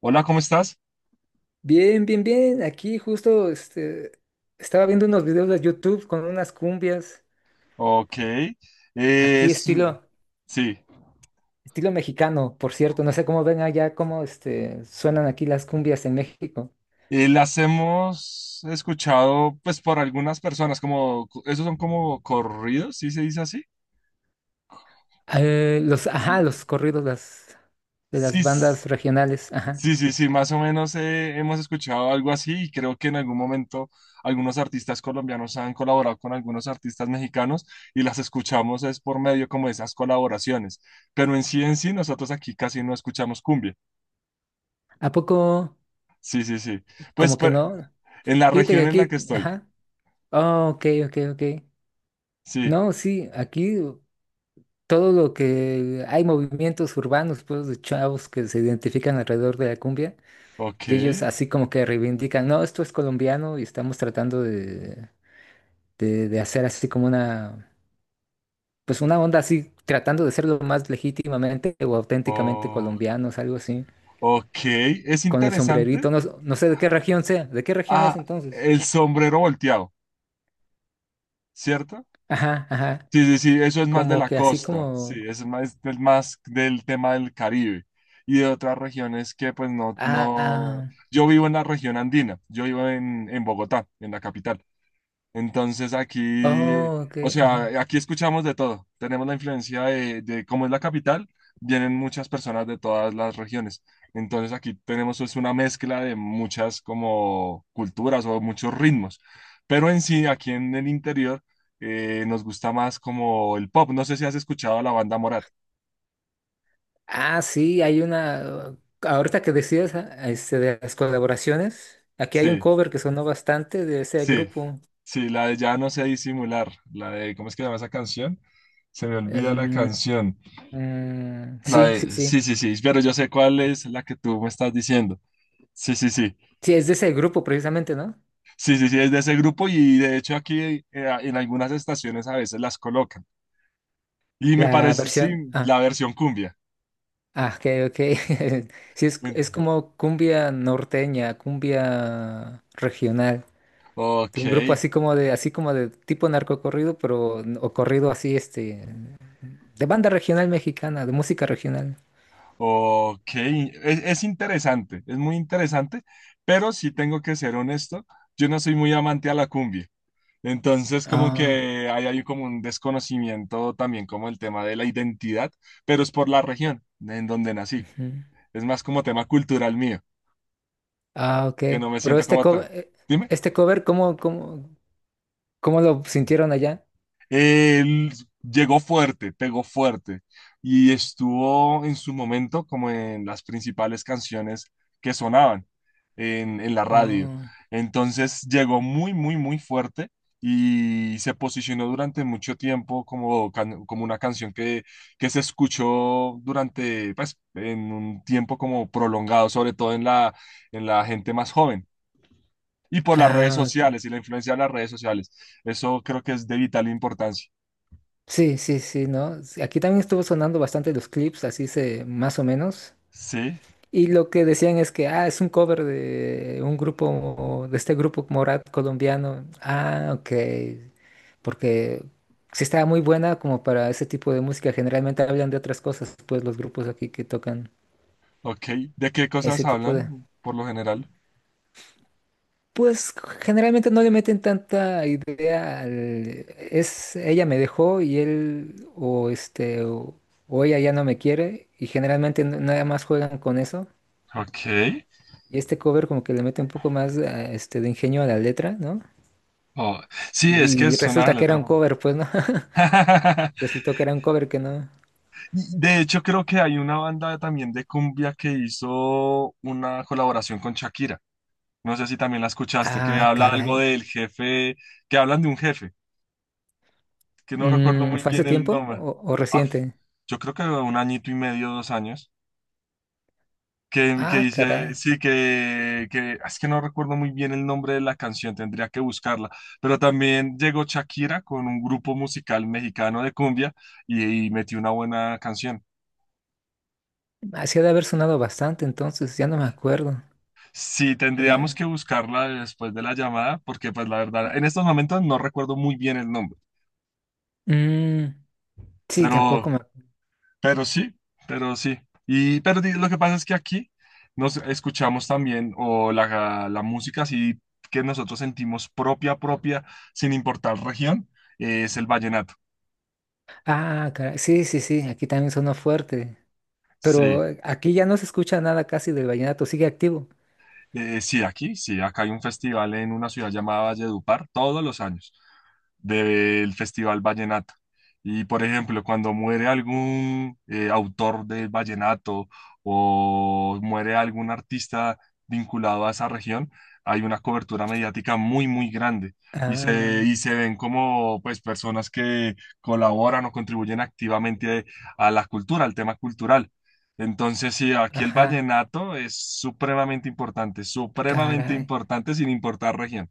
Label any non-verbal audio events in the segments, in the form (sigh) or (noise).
Hola, ¿cómo estás? Bien, bien, bien. Aquí justo estaba viendo unos videos de YouTube con unas cumbias. Ok. Aquí es- estilo, sí. estilo mexicano, por cierto. No sé cómo ven allá, cómo suenan aquí las cumbias en México. Las hemos escuchado pues por algunas personas, como esos son como corridos, ¿sí se dice así? Los corridos de Sí, las bandas regionales. Ajá. sí, sí, sí, más o menos hemos escuchado algo así y creo que en algún momento algunos artistas colombianos han colaborado con algunos artistas mexicanos y las escuchamos es por medio como de esas colaboraciones, pero en sí nosotros aquí casi no escuchamos cumbia. ¿A poco? Sí, sí, sí. Pues Como que pero- no. en la Fíjate que región en la aquí, que estoy. ajá. Oh, ok, ok, ok. Sí, No, sí, aquí todo lo que hay movimientos urbanos, pues, de chavos que se identifican alrededor de la cumbia. Y ellos ok. así como que reivindican, no, esto es colombiano y estamos tratando de hacer pues una onda así, tratando de ser lo más legítimamente o auténticamente o- colombianos, algo así, ok, es con el interesante. sombrerito, no, no sé de qué región sea, ¿de qué región es Ah, entonces? el sombrero volteado, ¿cierto? Ajá, ajá, Sí, sí, sí, eso es más de como la que así costa, sí, como, eso es más del tema del Caribe y de otras regiones que pues no, ah, no, ah, yo vivo en la región andina, yo vivo en Bogotá, en la capital. Entonces aquí, oh, ok, o ajá. sea, aquí escuchamos de todo. Tenemos la influencia de cómo es la capital, vienen muchas personas de todas las regiones. Entonces aquí tenemos es una mezcla de muchas como culturas o muchos ritmos. Pero en sí, aquí en el interior, nos gusta más como el pop. No sé si has escuchado la banda Morat. Ah, sí, ahorita que decías de las colaboraciones, aquí hay un Sí, cover que sonó bastante de ese sí, grupo. sí, la de Ya no sé disimular, la de, ¿cómo es que se llama esa canción? Se me olvida la em, canción. Mm, La sí, sí, de, sí. sí, sí, sí, pero yo sé cuál es la que tú me estás diciendo. Sí, sí, sí. Sí, es de ese grupo precisamente, ¿no? Sí, sí, sí, es de ese grupo y de hecho aquí en algunas estaciones a veces las colocan. Y me La parece, sí, versión. Ah, la versión cumbia. ah, ok, ok. (laughs) Sí, es En- como cumbia norteña, cumbia regional. De Ok, un grupo así como de tipo narcocorrido, pero o corrido así, de banda regional mexicana, de música regional. ok. Es interesante, es muy interesante, pero sí tengo que ser honesto, yo no soy muy amante a la cumbia. Entonces, como Ah, que hay como un desconocimiento también como el tema de la identidad, pero es por la región en donde nací. ujú. Es más como tema cultural mío, Ah, ok. que no me Pero siento como tal. Dime. este cover, ¿cómo lo sintieron allá? Él llegó fuerte, pegó fuerte y estuvo en su momento como en las principales canciones que sonaban en la radio. Oh. Entonces llegó muy, muy, muy fuerte y se posicionó durante mucho tiempo como, como una canción que se escuchó durante, pues, en un tiempo como prolongado, sobre todo en la gente más joven, y por las redes Ah. sociales y la influencia de las redes sociales. Eso creo que es de vital importancia. Sí, sí, sí, ¿no? Sí, aquí también estuvo sonando bastante los clips, así se, más o menos. Sí, Y lo que decían es que, ah, es un cover de un grupo, de este grupo Morat colombiano. Ah, ok. Porque sí estaba muy buena como para ese tipo de música. Generalmente hablan de otras cosas, pues los grupos aquí que tocan ok. ¿De qué cosas ese tipo de... hablan por lo general? Pues generalmente no le meten tanta idea es ella me dejó y él o o ella ya no me quiere y generalmente nada más juegan con eso. Ok. Y este cover como que le mete un poco más de ingenio a la letra, ¿no? Oh, sí, es que Y es una resulta que era letra. un cover, pues no. (laughs) (laughs) Resultó que era un cover que no. Y de hecho, creo que hay una banda también de cumbia que hizo una colaboración con Shakira. No sé si también la escuchaste, que Ah, habla algo caray. del jefe, que hablan de un jefe, que no recuerdo Mm, muy ¿fue hace bien el tiempo nombre. O Ah, reciente? yo creo que un añito y medio, dos años. Que Ah, dice, caray. sí, que es que no recuerdo muy bien el nombre de la canción, tendría que buscarla, pero también llegó Shakira con un grupo musical mexicano de cumbia y metió una buena canción. Hacía de haber sonado bastante entonces, ya no me acuerdo. Sí, tendríamos Pero... que buscarla después de la llamada, porque pues la verdad, en estos momentos no recuerdo muy bien el nombre, Mm. Sí, tampoco pero me... Pero sí, pero sí. Y lo que pasa es que aquí nos escuchamos también o la música así que nosotros sentimos propia, propia, sin importar región, es el vallenato. Ah, caray. Sí, sí, sí, aquí también sonó fuerte. Sí. Pero aquí ya no se escucha nada casi del vallenato, sigue activo. Sí, aquí, sí, acá hay un festival en una ciudad llamada Valledupar todos los años del Festival Vallenato. Y por ejemplo, cuando muere algún autor del vallenato o muere algún artista vinculado a esa región, hay una cobertura mediática muy, muy grande y se, Ah, y se ven como pues personas que colaboran o contribuyen activamente a la cultura, al tema cultural. Entonces, sí, aquí el ajá, vallenato es supremamente caray. importante sin importar región.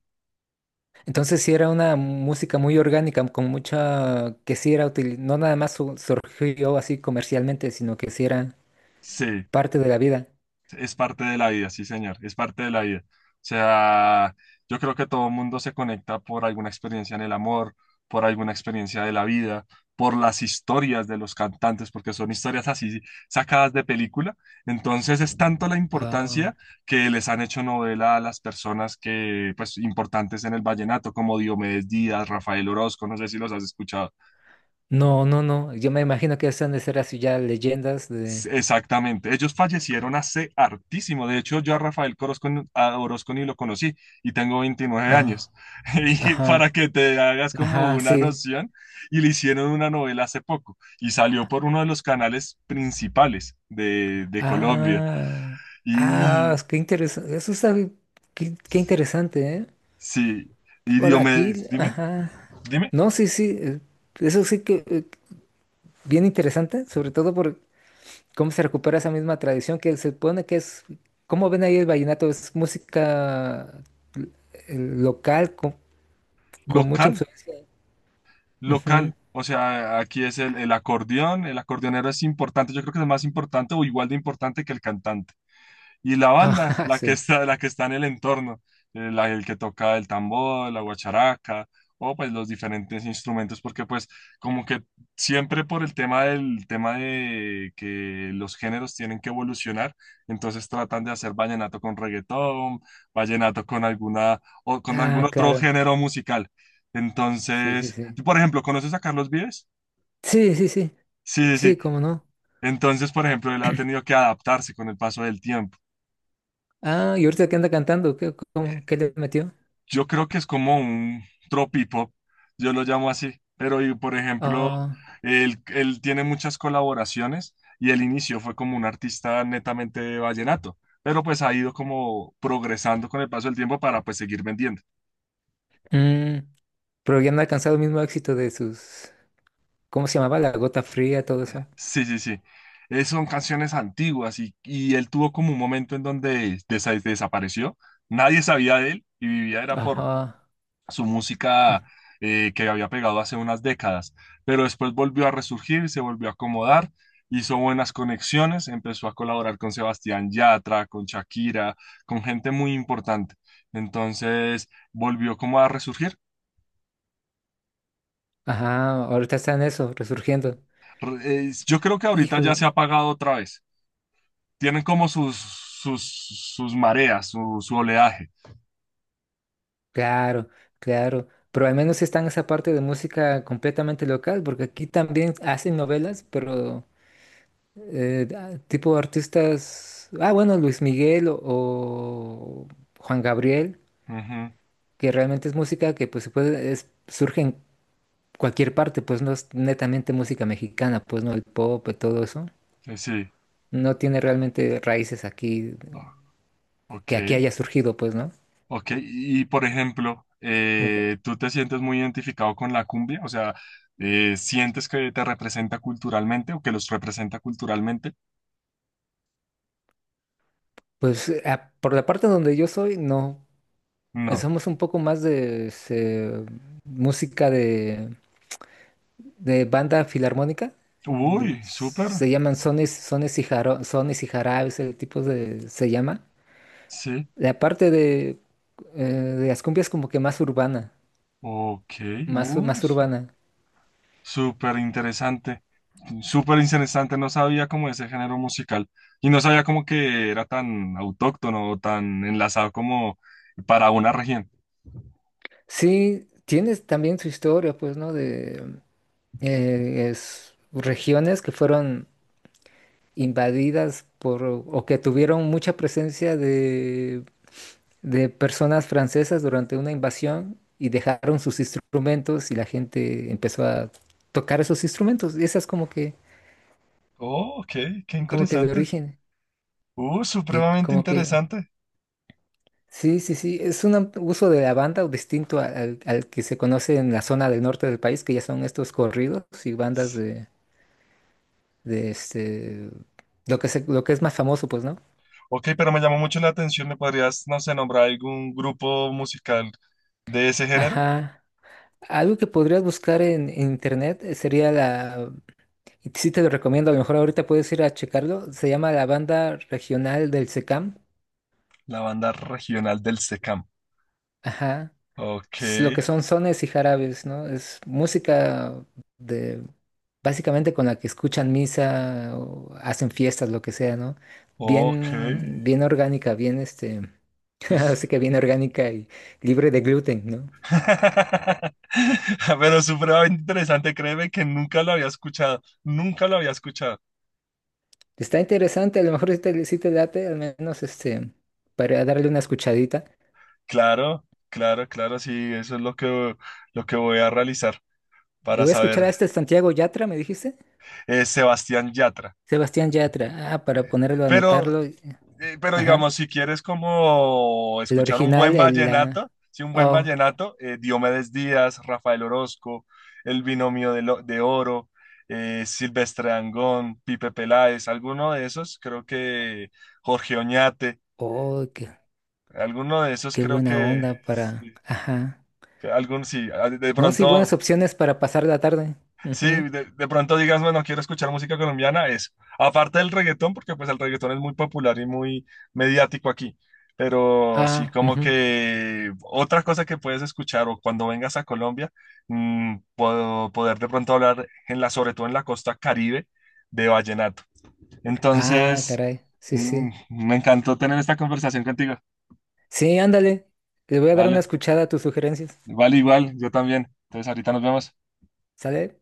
Entonces sí era una música muy orgánica, con mucha... que sí era útil, no nada más surgió así comercialmente, sino que sí era Sí. parte de la vida. Es parte de la vida, sí, señor, es parte de la vida. O sea, yo creo que todo el mundo se conecta por alguna experiencia en el amor, por alguna experiencia de la vida, por las historias de los cantantes, porque son historias así sacadas de película. Entonces es tanto la Ah, importancia que les han hecho novela a las personas que, pues, importantes en el vallenato, como Diomedes Díaz, Rafael Orozco, no sé si los has escuchado. no, no, no, yo me imagino que esas han de ser así ya leyendas de... Exactamente, ellos fallecieron hace hartísimo. De hecho, yo a Rafael Corozco, a Orozco ni lo conocí y tengo 29 años. Ah, (laughs) Y para ajá, que te hagas como ajá, una sí. noción, y le hicieron una novela hace poco y salió por uno de los canales principales de Colombia. Ah, ah, Y qué interesante. Qué, qué interesante, ¿eh? sí, y Por aquí, Diomedes, dime, ajá. dime, No, sí, sí. Eso sí que bien interesante, sobre todo por cómo se recupera esa misma tradición que se supone que es, ¿cómo ven ahí el vallenato? Es música l- local con mucha local, influencia. Ujú. local. (laughs) O sea, aquí es el acordeón, el acordeonero es importante, yo creo que es más importante o igual de importante que el cantante. Y la banda, Ajá, la que sí. está, la que está en el entorno, el que toca el tambor, la guacharaca, o pues los diferentes instrumentos, porque pues como que siempre por el tema de que los géneros tienen que evolucionar, entonces tratan de hacer vallenato con reggaetón, vallenato con alguna o con algún Ah, otro claro. género musical. Sí, sí, Entonces, sí. por ejemplo, ¿conoces a Carlos Vives? Sí, sí, sí. Sí, sí, Sí, sí. cómo no. Entonces, por ejemplo, él ha tenido que adaptarse con el paso del tiempo. Ah, y ahorita que anda cantando, ¿qué le metió? Yo creo que es como un tropipop, yo lo llamo así, pero y, por ejemplo, Ah, él tiene muchas colaboraciones y el inicio fue como un artista netamente de vallenato, pero pues ha ido como progresando con el paso del tiempo para pues seguir vendiendo. mm, pero ya no ha alcanzado el mismo éxito de sus, ¿cómo se llamaba? La gota fría, todo eso. Sí, sí, sí. Son canciones antiguas y él tuvo como un momento en donde desapareció, nadie sabía de él y vivía era por Ajá. su música Mm. Que había pegado hace unas décadas, pero después volvió a resurgir, se volvió a acomodar, hizo buenas conexiones, empezó a colaborar con Sebastián Yatra, con Shakira, con gente muy importante. Entonces volvió como a resurgir. Ajá, ahorita están eso, resurgiendo. Yo creo que ahorita ya Hijo, se ha apagado otra vez. Tienen como sus, sus mareas, su oleaje. claro, claro. Pero al menos están esa parte de música completamente local, porque aquí también hacen novelas, pero tipo artistas, ah, bueno, Luis Miguel o Juan Gabriel, Ujú, que realmente es música que pues se puede, es, surge en cualquier parte, pues no es netamente música mexicana, pues no el pop, y todo eso. Sí. No tiene realmente raíces aquí, Ah, ok. que aquí haya surgido, pues, ¿no? Ok, y por ejemplo, Como que... ¿tú te sientes muy identificado con la cumbia? O sea, ¿sientes que te representa culturalmente o que los representa culturalmente? pues por la parte donde yo soy, no. No. Somos un poco más de música de banda filarmónica. Uy, súper. Se llaman sones, sones y jarabes, ese tipo de, se llama. Sí. La parte de las cumbias como que más urbana, Ok, más, uy, más urbana. súper interesante. Súper interesante. No sabía cómo ese género musical. Y no sabía como que era tan autóctono o tan enlazado como para una región. Sí, tienes también su historia, pues, ¿no? De regiones que fueron invadidas por o que tuvieron mucha presencia de personas francesas durante una invasión y dejaron sus instrumentos y la gente empezó a tocar esos instrumentos. Y esa es Oh, ok, qué como que el interesante. origen. Y Supremamente como que, interesante. sí, sí, sí, es un uso de la banda o distinto al que se conoce en la zona del norte del país, que ya son estos corridos y bandas de lo que es más famoso, pues, ¿no? Ok, pero me llamó mucho la atención. ¿Me podrías, no sé, nombrar algún grupo musical de ese género? Ajá. Algo que podrías buscar en internet sería la, y sí te lo recomiendo, a lo mejor ahorita puedes ir a checarlo, se llama la banda regional del SECAM. La banda regional del SECAM. Ajá. Ok, Es lo que son sones y jarabes, ¿no? Es música de, básicamente con la que escuchan misa o hacen fiestas, lo que sea, ¿no? ok. Bien, bien orgánica, bien (laughs) Es... así que bien orgánica y libre de gluten, ¿no? (laughs) Pero supremamente interesante, créeme que nunca lo había escuchado. Nunca lo había escuchado. Está interesante, a lo mejor si te late, al menos para darle una escuchadita. Claro, claro, claro, sí, eso es lo que voy a realizar Yo para voy a escuchar saber. a este Santiago Yatra, ¿me dijiste? Sebastián Yatra. Sebastián Yatra. Ah, para ponerlo, Pero, anotarlo. Pero Ajá. digamos, si quieres como El escuchar un buen original, el vallenato, la. sí, un buen Oh, vallenato, Diomedes Díaz, Rafael Orozco, El Binomio de Oro, Silvestre Dangond, Pipe Peláez, alguno de esos, creo que Jorge Oñate, oh, qué, alguno de esos qué creo buena que, onda para. sí, Ajá. que algún, sí, de No, sí, pronto. buenas opciones para pasar la tarde. Sí, Ujú. de pronto digas, bueno, quiero escuchar música colombiana, eso. Aparte del reggaetón, porque pues el reggaetón es muy popular y muy mediático aquí. Pero sí, Ah, como ujú. que otra cosa que puedes escuchar o cuando vengas a Colombia, mm, puedo poder de pronto hablar en la, sobre todo en la costa Caribe de vallenato. Ah, Entonces, caray. Sí, sí. me encantó tener esta conversación contigo. Sí, ándale. Le voy a dar una Vale, escuchada a tus sugerencias. vale igual, yo también. Entonces, ahorita nos vemos. ¿Sale?